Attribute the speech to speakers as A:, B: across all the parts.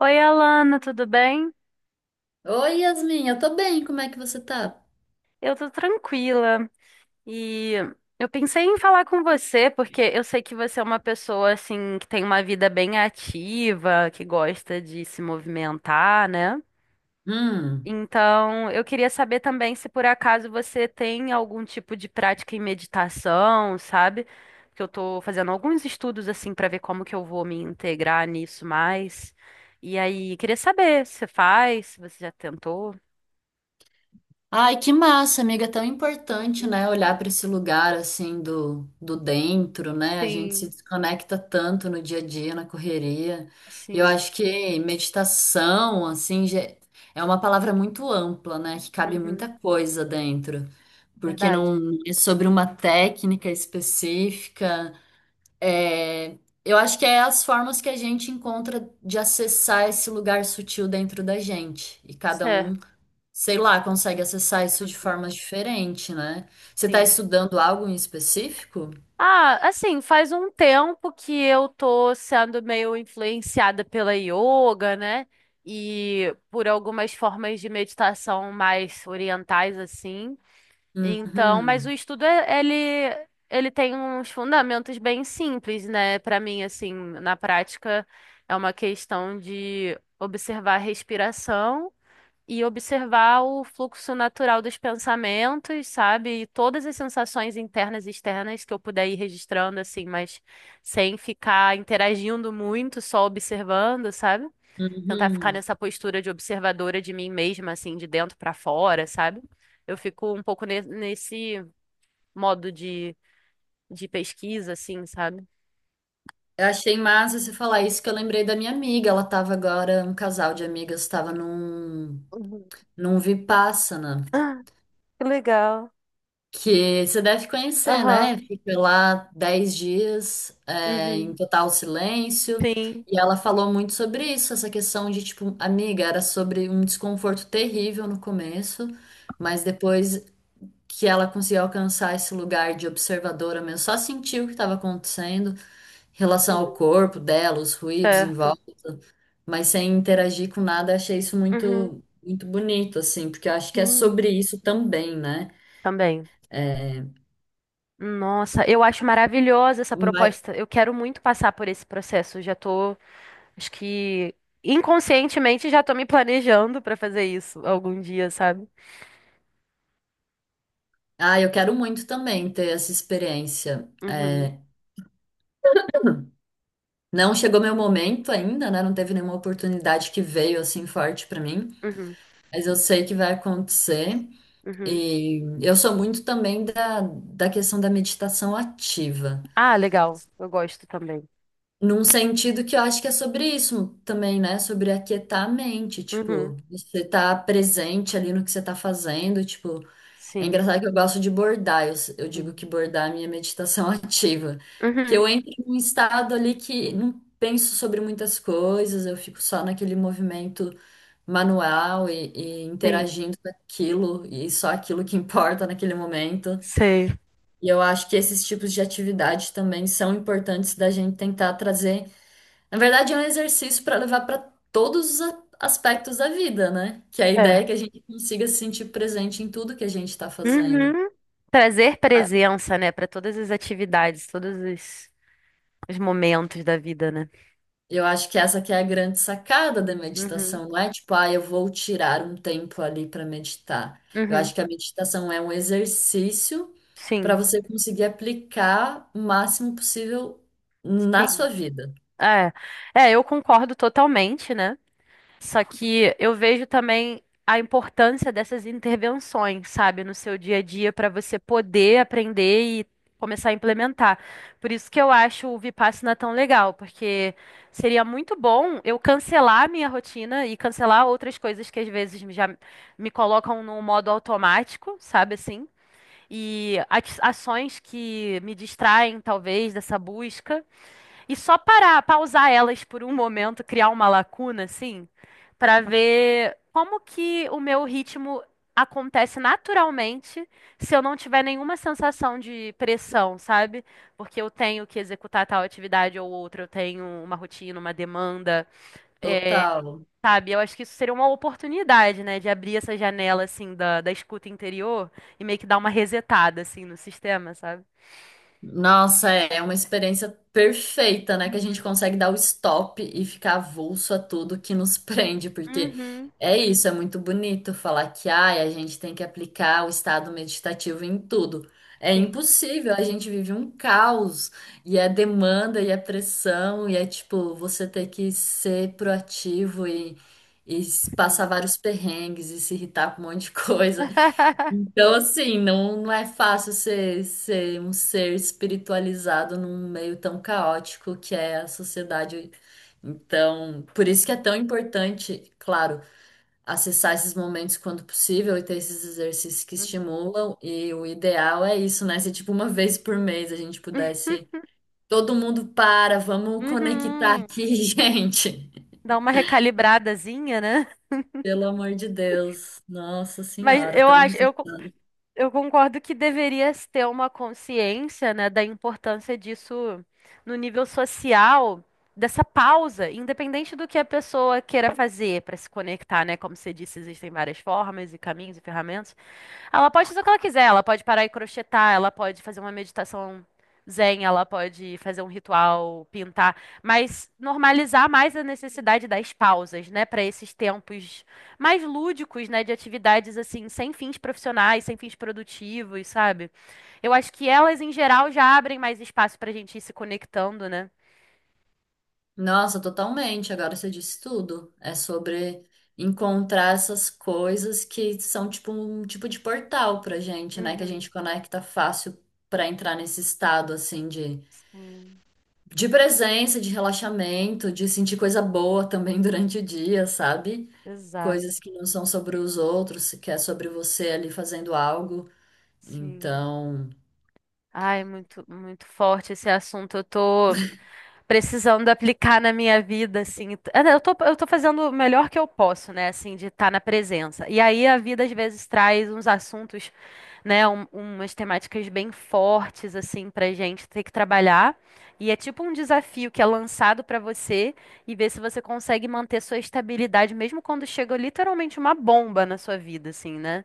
A: Oi, Alana, tudo bem?
B: Oi, Yasmin, eu tô bem, como é que você tá?
A: Eu tô tranquila e eu pensei em falar com você porque eu sei que você é uma pessoa assim que tem uma vida bem ativa, que gosta de se movimentar, né?
B: Hum.
A: Então, eu queria saber também se por acaso você tem algum tipo de prática em meditação, sabe? Porque eu tô fazendo alguns estudos assim pra ver como que eu vou me integrar nisso mais. E aí, queria saber se você faz, se você já tentou.
B: Ai, que massa, amiga, é tão importante, né, olhar para esse lugar assim do dentro, né? A gente se
A: Sim.
B: desconecta tanto no dia a dia, na correria. E eu
A: Sim.
B: acho que meditação, assim, é uma palavra muito ampla, né, que cabe muita
A: Uhum.
B: coisa dentro, porque
A: Verdade.
B: não é sobre uma técnica específica. É, eu acho que é as formas que a gente encontra de acessar esse lugar sutil dentro da gente. E cada um,
A: Certo.
B: sei lá, consegue acessar isso de
A: Uhum.
B: formas diferentes, né? Você está
A: Sim.
B: estudando algo em específico?
A: Ah, assim, faz um tempo que eu tô sendo meio influenciada pela yoga, né? E por algumas formas de meditação mais orientais, assim. Então, mas o
B: Uhum,
A: estudo, ele, ele tem uns fundamentos bem simples, né? Pra mim, assim, na prática, é uma questão de observar a respiração e observar o fluxo natural dos pensamentos, sabe? E todas as sensações internas e externas que eu puder ir registrando, assim, mas sem ficar interagindo muito, só observando, sabe? Tentar ficar
B: uhum.
A: nessa postura de observadora de mim mesma, assim, de dentro pra fora, sabe? Eu fico um pouco nesse modo de pesquisa, assim, sabe?
B: Eu achei massa você falar isso que eu lembrei da minha amiga. Ela estava agora, um casal de amigas estava
A: Uhum.
B: num Vipassana.
A: Que legal.
B: Que você deve conhecer,
A: Aham.
B: né? Fica lá 10 dias, é, em
A: Uhum.
B: total silêncio.
A: Sim.
B: E ela falou muito sobre isso, essa questão de, tipo, amiga, era sobre um desconforto terrível no começo, mas depois que ela conseguiu alcançar esse lugar de observadora mesmo, só sentiu o que estava acontecendo em relação ao
A: Uhum.
B: corpo dela, os ruídos em
A: Certo.
B: volta, mas sem interagir com nada, achei isso
A: Uhum.
B: muito, muito bonito, assim, porque eu acho que é
A: Sim,
B: sobre isso também, né?
A: também.
B: É,
A: Nossa, eu acho maravilhosa essa proposta. Eu quero muito passar por esse processo. Eu já tô, acho que inconscientemente já tô me planejando para fazer isso algum dia, sabe?
B: ah, eu quero muito também ter essa experiência.
A: Uhum,
B: É, não chegou meu momento ainda, né? Não teve nenhuma oportunidade que veio assim forte pra mim,
A: uhum,
B: mas eu sei que vai acontecer.
A: uhum.
B: E eu sou muito também da questão da meditação ativa,
A: Ah, legal. Eu gosto também.
B: num sentido que eu acho que é sobre isso também, né? Sobre aquietar a mente,
A: Uhum,
B: tipo, você tá presente ali no que você tá fazendo, tipo, é
A: sim.
B: engraçado que eu gosto de bordar. Eu digo
A: Uhum,
B: que bordar é a minha meditação ativa. Porque
A: uhum,
B: eu entro em um estado ali que não penso sobre muitas coisas, eu fico só naquele movimento manual e
A: sim.
B: interagindo com aquilo, e só aquilo que importa naquele momento.
A: Sei.
B: E eu acho que esses tipos de atividade também são importantes da gente tentar trazer. Na verdade, é um exercício para levar para todos os aspectos da vida, né? Que é a ideia é
A: É.
B: que a gente consiga se sentir presente em tudo que a gente está fazendo.
A: Uhum. Trazer presença, né, para todas as atividades, todos os momentos da vida, né?
B: Eu acho que essa que é a grande sacada da
A: Uhum,
B: meditação, não é tipo, ah, eu vou tirar um tempo ali para meditar. Eu acho
A: uhum.
B: que a meditação é um exercício para
A: Sim,
B: você conseguir aplicar o máximo possível na
A: sim.
B: sua vida.
A: É, é, eu concordo totalmente, né? Só que eu vejo também a importância dessas intervenções, sabe, no seu dia a dia para você poder aprender e começar a implementar. Por isso que eu acho o Vipassana tão legal, porque seria muito bom eu cancelar a minha rotina e cancelar outras coisas que às vezes já me colocam no modo automático, sabe assim? E ações que me distraem, talvez, dessa busca. E só parar, pausar elas por um momento, criar uma lacuna, assim, pra ver como que o meu ritmo acontece naturalmente se eu não tiver nenhuma sensação de pressão, sabe? Porque eu tenho que executar tal atividade ou outra, eu tenho uma rotina, uma demanda, é,
B: Total.
A: sabe? Eu acho que isso seria uma oportunidade, né, de abrir essa janela, assim, da escuta interior e meio que dar uma resetada, assim, no sistema, sabe?
B: Nossa, é uma experiência perfeita, né? Que a gente
A: Uhum.
B: consegue dar o stop e ficar avulso a tudo que nos prende, porque
A: Uhum.
B: é isso, é muito bonito falar que ai, a gente tem que aplicar o estado meditativo em tudo. É
A: Sim,
B: impossível, a gente vive um caos, e é demanda, e é pressão, e é tipo, você ter que ser proativo e
A: sim.
B: passar vários perrengues e se irritar com um monte de coisa. Então, assim, não, não é fácil ser um ser espiritualizado num meio tão caótico que é a sociedade. Então, por isso que é tão importante, claro, acessar esses momentos quando possível e ter esses exercícios que estimulam. E o ideal é isso, né? Se, tipo, uma vez por mês a gente pudesse. Todo mundo para, vamos conectar
A: Uhum.
B: aqui, gente.
A: Dá uma recalibradazinha, né?
B: Pelo amor de Deus. Nossa
A: Mas
B: Senhora,
A: eu acho,
B: estamos.
A: eu concordo que deveria se ter uma consciência, né, da importância disso no nível social, dessa pausa, independente do que a pessoa queira fazer para se conectar, né? Como você disse, existem várias formas e caminhos e ferramentas. Ela pode fazer o que ela quiser, ela pode parar e crochetar, ela pode fazer uma meditação zen, ela pode fazer um ritual, pintar, mas normalizar mais a necessidade das pausas, né, para esses tempos mais lúdicos, né, de atividades assim, sem fins profissionais, sem fins produtivos, sabe? Eu acho que elas em geral já abrem mais espaço para a gente ir se conectando, né?
B: Nossa, totalmente. Agora você disse tudo. É sobre encontrar essas coisas que são tipo um tipo de portal pra gente, né? Que a
A: Uhum.
B: gente conecta fácil pra entrar nesse estado assim
A: Sim,
B: de presença, de relaxamento, de sentir coisa boa também durante o dia, sabe?
A: exato,
B: Coisas que não são sobre os outros, que é sobre você ali fazendo algo.
A: sim.
B: Então,
A: Ai, muito, muito forte esse assunto. Eu tô precisando aplicar na minha vida, assim. Ah, não, eu tô, eu tô fazendo o melhor que eu posso, né, assim, de estar na presença. E aí a vida às vezes traz uns assuntos, né, umas temáticas bem fortes, assim, pra gente ter que trabalhar. E é tipo um desafio que é lançado pra você e ver se você consegue manter sua estabilidade, mesmo quando chega literalmente uma bomba na sua vida, assim, né?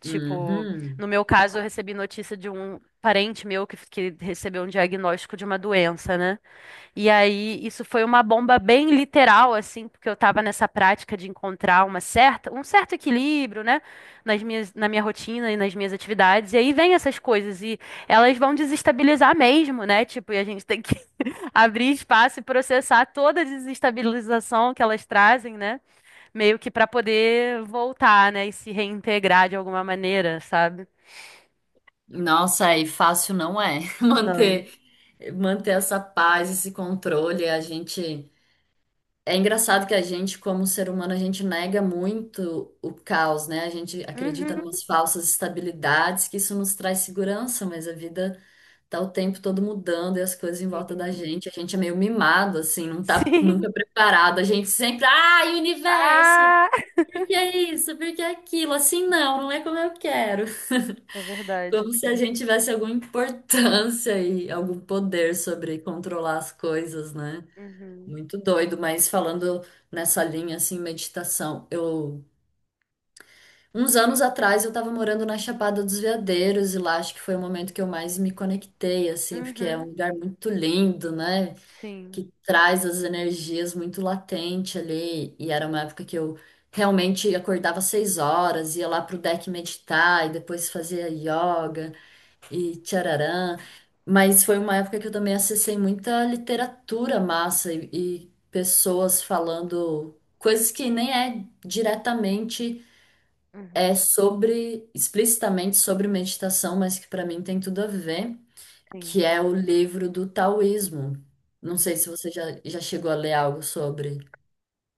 A: Tipo,
B: uhum.
A: no meu caso, eu recebi notícia de um parente meu que recebeu um diagnóstico de uma doença, né? E aí, isso foi uma bomba bem literal, assim, porque eu estava nessa prática de encontrar uma certa, um certo equilíbrio, né, nas na minha rotina e nas minhas atividades. E aí vem essas coisas e elas vão desestabilizar mesmo, né? Tipo, e a gente tem que abrir espaço e processar toda a desestabilização que elas trazem, né? Meio que para poder voltar, né, e se reintegrar de alguma maneira, sabe?
B: Nossa, e fácil não é
A: Não.
B: manter essa paz, esse controle. A gente é engraçado que a gente, como ser humano, a gente nega muito o caos, né? A gente acredita em
A: Uhum.
B: umas falsas estabilidades que isso nos traz segurança, mas a vida tá o tempo todo mudando e as coisas em volta da
A: Sim.
B: gente. A gente é meio mimado assim, não tá
A: Sim.
B: nunca preparado. A gente sempre, ai, universo,
A: Ah!
B: por que isso? Por que aquilo? Assim não, não é como eu quero.
A: É verdade.
B: Como se a gente tivesse alguma importância e algum poder sobre controlar as coisas, né?
A: Uhum.
B: Muito doido, mas falando nessa linha assim, meditação, eu uns anos atrás eu estava morando na Chapada dos Veadeiros e lá acho que foi o momento que eu mais me conectei assim, porque é um
A: Uhum,
B: lugar muito lindo, né?
A: sim,
B: Que traz as energias muito latente ali e era uma época que eu realmente acordava às 6 horas, ia lá pro deck meditar e depois fazia yoga e tchararã. Mas foi uma época que eu também acessei muita literatura massa e pessoas falando coisas que nem é diretamente
A: uhum,
B: é sobre, explicitamente sobre meditação, mas que para mim tem tudo a ver,
A: sim,
B: que é o livro do taoísmo. Não
A: uhum.
B: sei se você já chegou a ler algo sobre.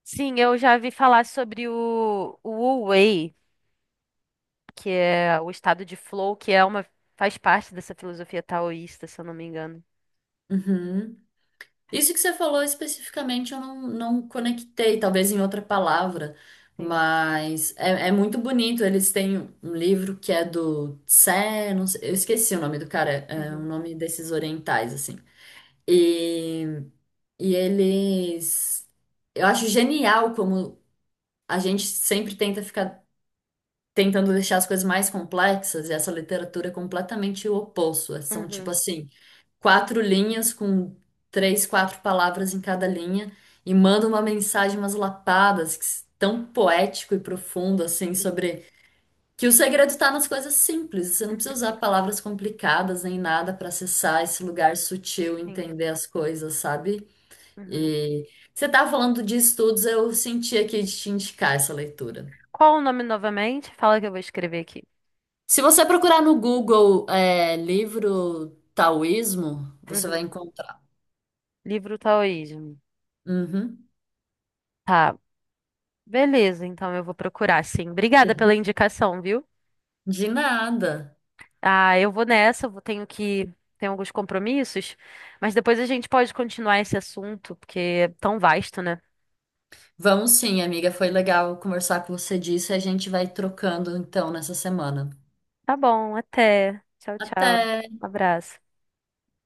A: Sim, eu já vi falar sobre o Wu Wei, que é o estado de flow, que é uma, faz parte dessa filosofia taoísta, se eu não me engano.
B: Uhum. Isso que você falou especificamente eu não conectei, talvez em outra palavra,
A: Sim.
B: mas é muito bonito. Eles têm um livro que é do Tse, não sei- eu esqueci o nome do cara, é o
A: Uhum,
B: nome desses orientais, assim. E, e eles. Eu acho genial como a gente sempre tenta ficar tentando deixar as coisas mais complexas e essa literatura é completamente o oposto. São tipo
A: uhum,
B: assim quatro linhas com três, quatro palavras em cada linha e manda uma mensagem, umas lapadas que tão poético e profundo assim sobre que o segredo está nas coisas simples. Você não precisa
A: uhum,
B: usar palavras complicadas nem nada para acessar esse lugar sutil, e
A: sim,
B: entender as coisas, sabe?
A: uhum.
B: E você tá falando de estudos, eu senti aqui de te indicar essa leitura.
A: Qual o nome novamente? Fala que eu vou escrever aqui.
B: Se você procurar no Google, é, livro taoísmo, você vai
A: Uhum.
B: encontrar.
A: Livro Taoísmo.
B: Uhum.
A: Tá, beleza, então eu vou procurar, sim. Obrigada pela indicação, viu?
B: De nada.
A: Ah, eu vou nessa, tenho que. Tenho alguns compromissos, mas depois a gente pode continuar esse assunto, porque é tão vasto, né?
B: Vamos sim, amiga. Foi legal conversar com você disso e a gente vai trocando então nessa semana.
A: Tá bom, até. Tchau, tchau.
B: Até!
A: Um abraço.